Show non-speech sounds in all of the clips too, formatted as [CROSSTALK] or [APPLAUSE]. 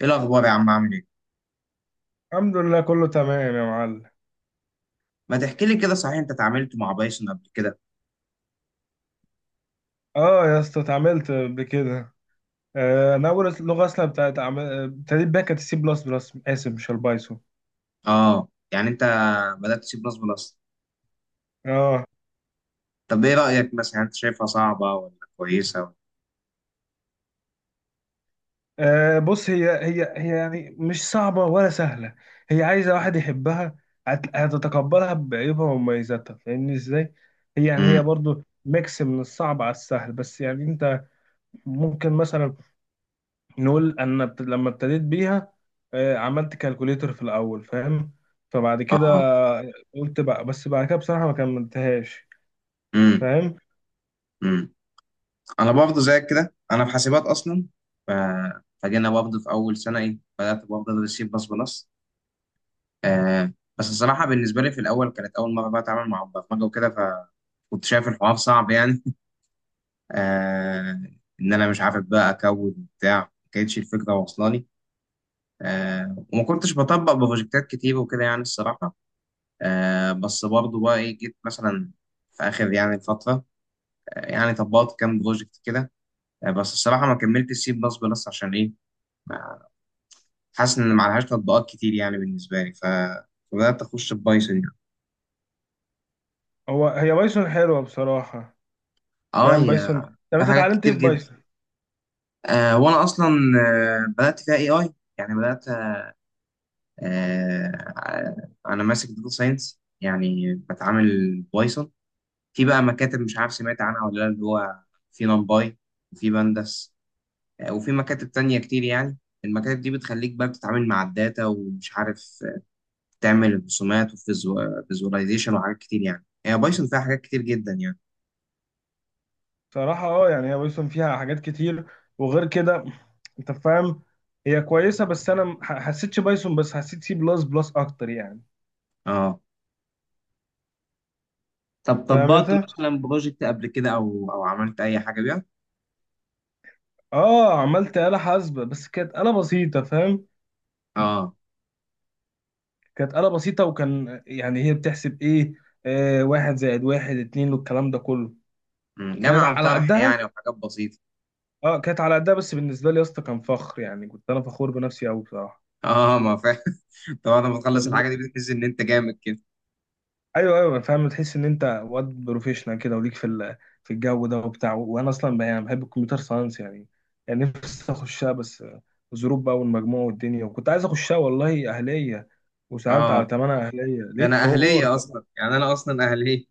ايه الاخبار يا عم؟ عامل ايه؟ الحمد لله كله تمام يا معلم. ما تحكي لي كده، صحيح انت اتعاملت مع بايثون قبل كده؟ اه، يا اسطى اتعاملت بكده. انا اول لغه اصلا بتاعت ابتديت بيها كانت السي بلس بلس، اسف مش البايثون. اه يعني انت بدات تسيب نصب الاصل. اه. طب ايه رايك مثلا، انت شايفها صعبه ولا كويسه ولا؟ بص، هي يعني مش صعبه ولا سهله. هي عايزه واحد يحبها، هتتقبلها بعيوبها ومميزاتها، فاهمني ازاي؟ هي يعني هي امم برضو ميكس من الصعب على السهل، بس يعني انت ممكن مثلا نقول، انا لما ابتديت بيها عملت كالكوليتر في الاول، فاهم؟ فبعد كده اه. قلت بقى، بس بعد كده بصراحه ما كملتهاش. امم. فاهم. امم. انا برضه زيك كده، انا في حاسبات اصلا. ف... فجينا برضه في اول سنه، ايه، بدات برضه ادرس سي بلس بلس. آه، بس الصراحه بالنسبه لي في الاول كانت اول مره بقى اتعامل مع برمجه وكده، فكنت شايف الحوار صعب يعني. [LAUGHS] آه، ان انا مش عارف بقى اكود وبتاع، ما كانتش الفكره واصله لي. آه، وما كنتش بطبق بروجكتات كتير وكده يعني الصراحة. آه بس برضه بقى إيه، جيت مثلا في آخر يعني فترة، آه، يعني طبقت كام بروجكت كده. آه بس الصراحة ما كملتش سي بلس بلس عشان إيه؟ ما- حاسس إن معلهاش تطبيقات كتير يعني بالنسبة لي. فبدأت أخش في بايثون يعني. هو هي بايثون حلوه بصراحه. آه، فاهم بايثون؟ يا طب في انت حاجات اتعلمت ايه كتير في جدا. بايثون؟ آه وأنا أصلا، آه بدأت فيها إي آي يعني، بدأت آه. آه، أنا ماسك داتا ساينس يعني بتعامل بايثون. في بقى مكاتب مش عارف سمعت عنها ولا لا، اللي هو في نمباي وفي بندس، آه، وفي مكاتب تانية كتير يعني. المكاتب دي بتخليك بقى بتتعامل مع الداتا ومش عارف آه، تعمل رسومات وفيزواليزيشن وحاجات كتير. يعني هي بايثون فيها حاجات كتير جدا يعني. بصراحه، يعني هي بايثون فيها حاجات كتير، وغير كده انت فاهم، هي كويسه، بس انا ما حسيتش بايثون، بس حسيت سي بلس بلس اكتر يعني. اه. طب فاهم طبقت انت؟ مثلا بروجكت قبل كده، او عملت اي حاجه بيها؟ اه، عملت آلة حاسبة بس كانت آلة بسيطة، فاهم؟ اه. كانت آلة بسيطة، وكان يعني هي بتحسب ايه؟ واحد زائد واحد اتنين والكلام ده كله، مم، كانت جمع على وطرح قدها. يعني وحاجات بسيطه. اه، كانت على قدها، بس بالنسبة لي يا اسطى كان فخر، يعني كنت انا فخور بنفسي قوي بصراحة. اه ما فاهم. [LAUGHS] طبعا لما تخلص [LAUGHS] ف- الحاجه دي بتحس ان انت جامد كده. ايوه ايوه، فاهم، تحس ان انت واد بروفيشنال كده، وليك في في الجو ده وبتاع، وانا اصلا بقى يعني بحب الكمبيوتر ساينس يعني، يعني نفسي اخشها، بس الظروف بقى والمجموع والدنيا، وكنت عايز اخشها والله اهلية، وسألت على اه، تمنها اهلية ده لقيت انا حوار. اهليه اصلا، يعني انا اصلا اهليه.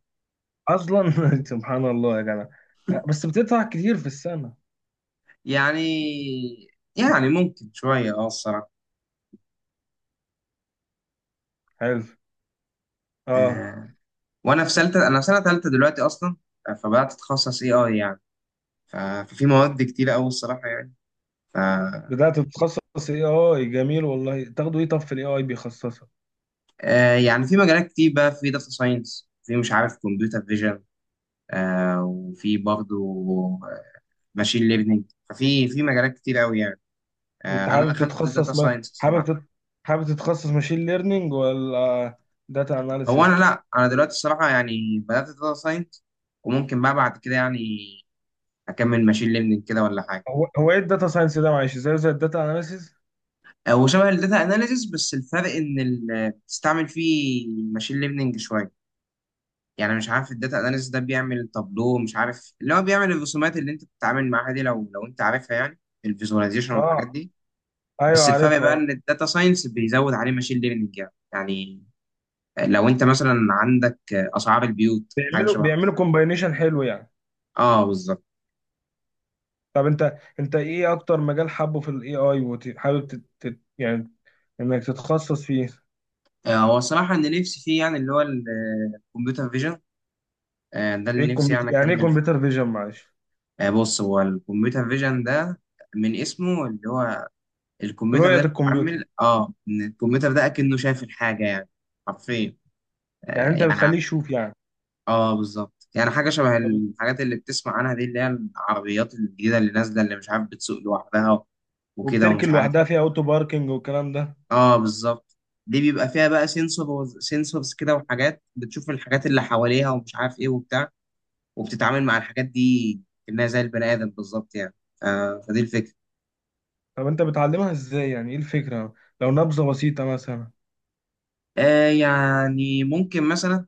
اصلا [LAUGHS] سبحان الله يا جدع. بس بتدفع كتير في السنه. يعني، يعني ممكن شوية اه الصراحة. حلو. اه. آه، وانا في سلتة، انا في سنة تالتة دلوقتي اصلا. آه، فبدأت اتخصص اي اي يعني. ف- ففي مواد كتيرة اوي الصراحة يعني. ف، بدات تتخصص اي اي، جميل والله، تاخده ايه؟ طب في الاي اي بيخصصك آه يعني في مجالات كتير بقى، في داتا ساينس، في مش عارف كمبيوتر فيجن، آه وفي برضه ماشين ليرنينج. في مجالات كتير اوي يعني. آه انت، انا حابب دخلت داتا تتخصص، ما ساينس حابب الصراحة. تت... حابب تتخصص ماشين ليرنينج ولا داتا هو اناليسيس؟ انا لا، انا دلوقتي الصراحة يعني بدأت داتا ساينس، وممكن بقى بعد كده يعني اكمل ماشين ليرنينج كده ولا حاجة. هو ايه الداتا ساينس ده معلش، زي الداتا اناليسيس؟ آه، وشبه الداتا اناليسيس، بس الفرق ان بتستعمل فيه ماشين ليرنينج شويه يعني. مش عارف الداتا اناليسيس ده بيعمل تابلو، مش عارف، اللي هو بيعمل الرسومات اللي انت بتتعامل معاها دي، لو انت عارفها يعني. الفيزواليزيشن اه والحاجات دي. ايوه بس الفرق بقى عارفها. ان الداتا ساينس بيزود عليه ماشين ليرنينج يعني. يعني لو انت مثلا عندك آه، اسعار البيوت حاجه بيعملوا شبه كده. بيعملوا كومباينيشن حلو يعني. اه بالظبط. طب انت، ايه اكتر مجال حابه في الاي اي، وحابب يعني انك تتخصص فيه؟ آه، هو الصراحه ان نفسي فيه، يعني اللي هو الكمبيوتر فيجن، ده ايه اللي نفسي الكمبيوتر يعني يعني؟ ايه اكمل. كمبيوتر فيجن معلش؟ آه، بص هو الكمبيوتر فيجن ده من اسمه، اللي هو الكمبيوتر رؤية ده الكمبيوتر، بيتعامل اه، ان الكمبيوتر ده اكنه شايف الحاجه يعني. حرفيا. يعني آه انت يعني ع- بتخليه يشوف يعني. اه بالظبط، يعني حاجه شبه طب، الحاجات اللي بتسمع عنها دي، اللي هي العربيات الجديده اللي نازله، اللي مش عارف بتسوق لوحدها وكده وبتركن ومش عارف. لوحدها فيها اوتو باركنج والكلام ده؟ اه بالظبط. دي بيبقى فيها بقى سنسور، سنسورز كده، وحاجات بتشوف الحاجات اللي حواليها ومش عارف ايه وبتاع، وبتتعامل مع الحاجات دي كأنها زي البني ادم بالظبط يعني. آه فدي الفكره. طب انت بتعلمها ازاي؟ يعني ايه الفكرة، لو نبذة بسيطة مثلا؟ آه يعني ممكن مثلا،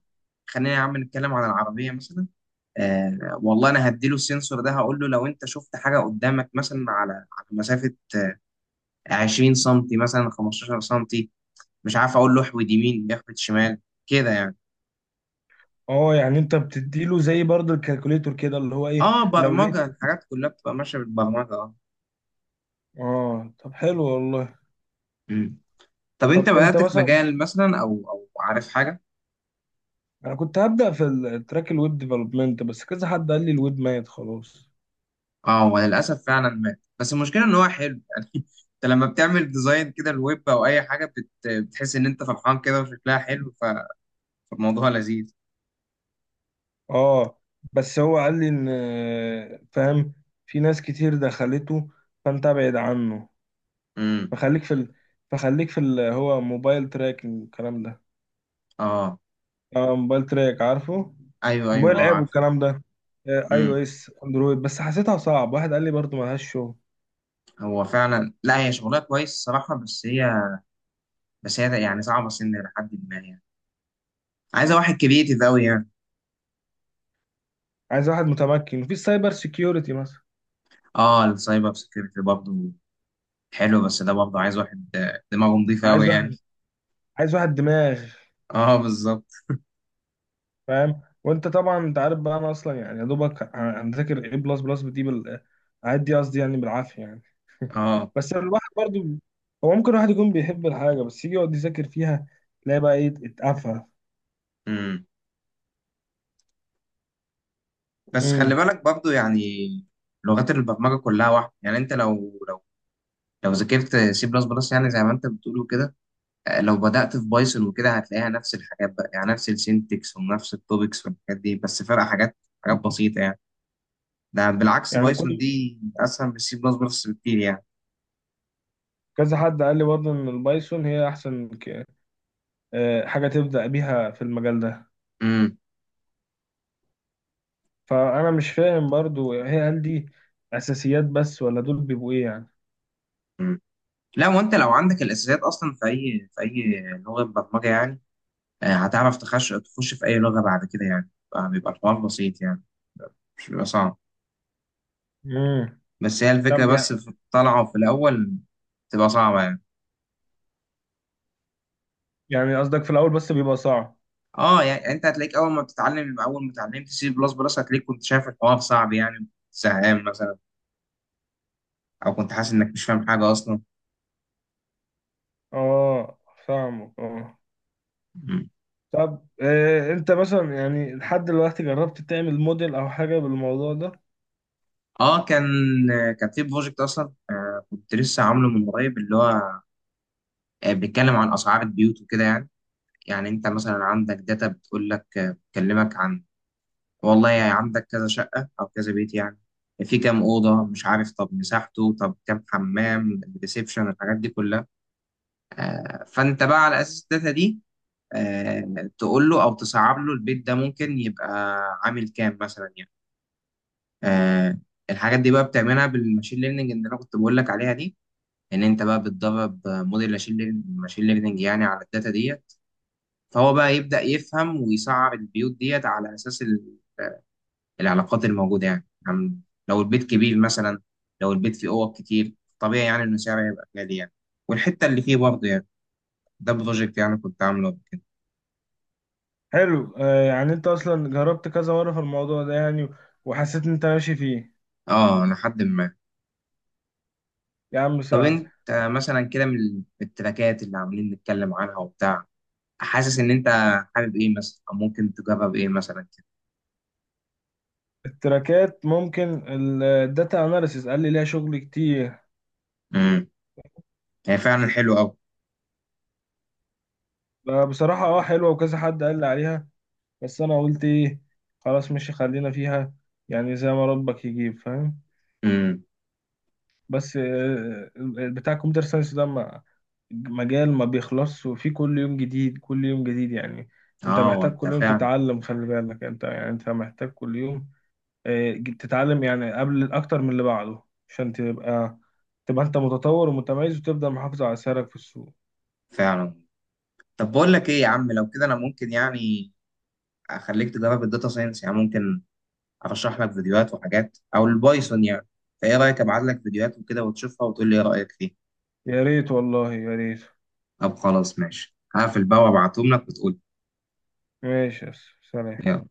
خلينا يا عم نتكلم عن العربية مثلا. آه والله أنا هديله السنسور ده، هقول له لو أنت شفت حاجة قدامك مثلا على مسافة 20 سنتي مثلا، 15 سنتي، مش عارف، أقول له احود يمين، يحود شمال كده يعني. اه يعني انت بتديله زي برضه الكالكوليتور كده، اللي هو ايه، آه، لو لقيت، برمجة الحاجات كلها بتبقى ماشية بالبرمجة. آه. اه. طب حلو والله. مم. طب أنت طب انت بدأت في مثلا، مجال مثلا، أو عارف حاجة؟ انا كنت هبدأ في التراك الويب ديفلوبمنت، بس كذا حد قال لي الويب ميت خلاص. اه هو للاسف فعلا مات، بس المشكله ان هو حلو يعني. [LAUGHS] انت لما بتعمل ديزاين كده الويب او اي حاجه بتحس ان انت فرحان كده وشكلها حلو. فالموضوع لذيذ. اه، بس هو قال لي ان فاهم، في ناس كتير دخلته، فانت ابعد عنه، امم. فخليك في ال... فخليك في اللي هو موبايل تراكنج والكلام ده. اه. اه موبايل تراك، عارفه؟ ايوه ايوه، موبايل اه اب عارف. والكلام ده، اي او امم. اس اندرويد، بس حسيتها صعب، واحد قال لي برضه ملهاش شغل. هو فعلا لا، هي شغلها كويس الصراحه، بس هي، بس هي يعني صعبه سن لحد ما يعني، عايزه واحد كريتيف قوي يعني. عايز واحد متمكن، وفي السايبر سيكيورتي مثلا، اه السايبر سكيورتي برضه حلو، بس ده برضه عايز واحد آه، دماغه نظيفه عايز قوي يعني. واحد عايز واحد دماغ، اه بالظبط. فاهم؟ وانت طبعا انت عارف بقى، انا اصلا يعني يا دوبك انا ذاكر ايه بلس بلس دي بال عاد دي قصدي يعني بالعافيه يعني [LAUGHS] اه. بس الواحد برضه، هو ممكن الواحد يكون بيحب الحاجه، بس يجي يقعد يذاكر فيها تلاقي بقى ايه، اتقفل. امم. بس خلي بالك برضو يعني، لغات البرمجه كلها واحده يعني. انت لو لو ذاكرت سي بلس بلس، يعني زي ما انت بتقول وكده، آه، لو بدأت في بايثون وكده هتلاقيها نفس الحاجات بقى يعني، نفس السينتكس ونفس التوبكس والحاجات دي، بس فرق حاجات، حاجات بسيطه يعني. ده بالعكس يعني بايثون كل دي اسهل من سي بلس بلس بكتير يعني. كذا حد قال لي برضه ان البايثون هي احسن ك... آه، حاجه تبدا بيها في المجال ده، امم. فانا مش فاهم برضه هي، هل دي اساسيات بس ولا دول بيبقوا ايه يعني؟ أمم. لا وانت لو عندك الاساسيات اصلا في اي، في اي لغه برمجه يعني، آه، هتعرف تخش، تخش في اي لغه بعد كده يعني. آه، بيبقى الحوار بسيط يعني، مش بيبقى صعب. امم. بس هي الفكرة طب بس في الطلعة في الأول تبقى صعبة يعني. يعني قصدك في الاول بس بيبقى صعب؟ اه يعني انت هتلاقيك اول ما بتتعلم، اول ما اتعلمت سي بلس بلس هتلاقيك كنت شايف الحوار صعب يعني، زهقان مثلا، او كنت حاسس انك مش فاهم حاجة اصلا. اه، فاهمك، اه. مم. طب، انت مثلا يعني لحد دلوقتي جربت تعمل موديل او حاجه بالموضوع ده؟ اه كان، كان في بروجكت اصلا آه، كنت لسه عامله من قريب، اللي هو آه بيتكلم عن اسعار البيوت وكده يعني. يعني انت مثلا عندك داتا بتقول لك آه، بتكلمك عن، والله يعني عندك كذا شقة أو كذا بيت يعني، في كام أوضة، مش عارف، طب مساحته، طب كام حمام، ريسبشن، الحاجات دي كلها. آه، فأنت بقى على أساس الداتا دي، آه، تقول له أو تصعب له البيت ده ممكن يبقى عامل كام مثلا يعني. آه، الحاجات دي بقى بتعملها بالماشين ليرنينج اللي أنا كنت بقول لك عليها دي. إن أنت بقى بتدرب آه، موديل ماشين ليرنينج، ماشين ليرنينج يعني، على الداتا ديت. فهو بقى يبدأ يفهم ويصعب البيوت ديت على أساس العلاقات الموجودة يعني. لو البيت كبير مثلا، لو البيت فيه أوض كتير، طبيعي يعني إنه سعره يبقى غالي يعني، والحتة اللي فيه برضه يعني. ده بروجكت يعني كنت عامله قبل كده. حلو، يعني انت اصلا جربت كذا مره في الموضوع ده يعني، وحسيت ان انت ماشي فيه، اه لحد ما. يا عم طب سهل. انت مثلا كده من من التراكات اللي عاملين نتكلم عنها وبتاع، حاسس ان انت حابب ايه مثلا، او ممكن تجرب ايه مثلا كده؟ التراكات ممكن، الداتا اناليسيس قال لي ليها شغل كتير. امم. هي فعلا حلو قوي. بصراحة، حلوة، وكذا حد قال لي عليها، بس انا قلت ايه، خلاص، مش خلينا فيها، يعني زي ما ربك يجيب، فاهم. امم. بس بتاع الكمبيوتر ساينس ده مجال ما بيخلصش، وفيه كل يوم جديد، كل يوم جديد يعني. انت اه. محتاج وانت كل يوم فعلا، تتعلم، خلي بالك انت، يعني انت محتاج كل يوم تتعلم، يعني قبل اكتر من اللي بعده، عشان تبقى انت متطور ومتميز، وتفضل محافظ على سعرك في السوق. فعلا. طب بقول لك ايه يا عم، لو كده انا ممكن يعني اخليك تجرب الداتا ساينس يعني، ممكن ارشح لك فيديوهات وحاجات، او البايثون يعني. فايه رايك ابعت لك فيديوهات وكده وتشوفها وتقول لي ايه رايك فيها؟ يا ريت والله، يا ريت. طب خلاص ماشي، هقفل بقى وابعتهم لك وتقول لي. ماشي يا أسطى. سلام. يلا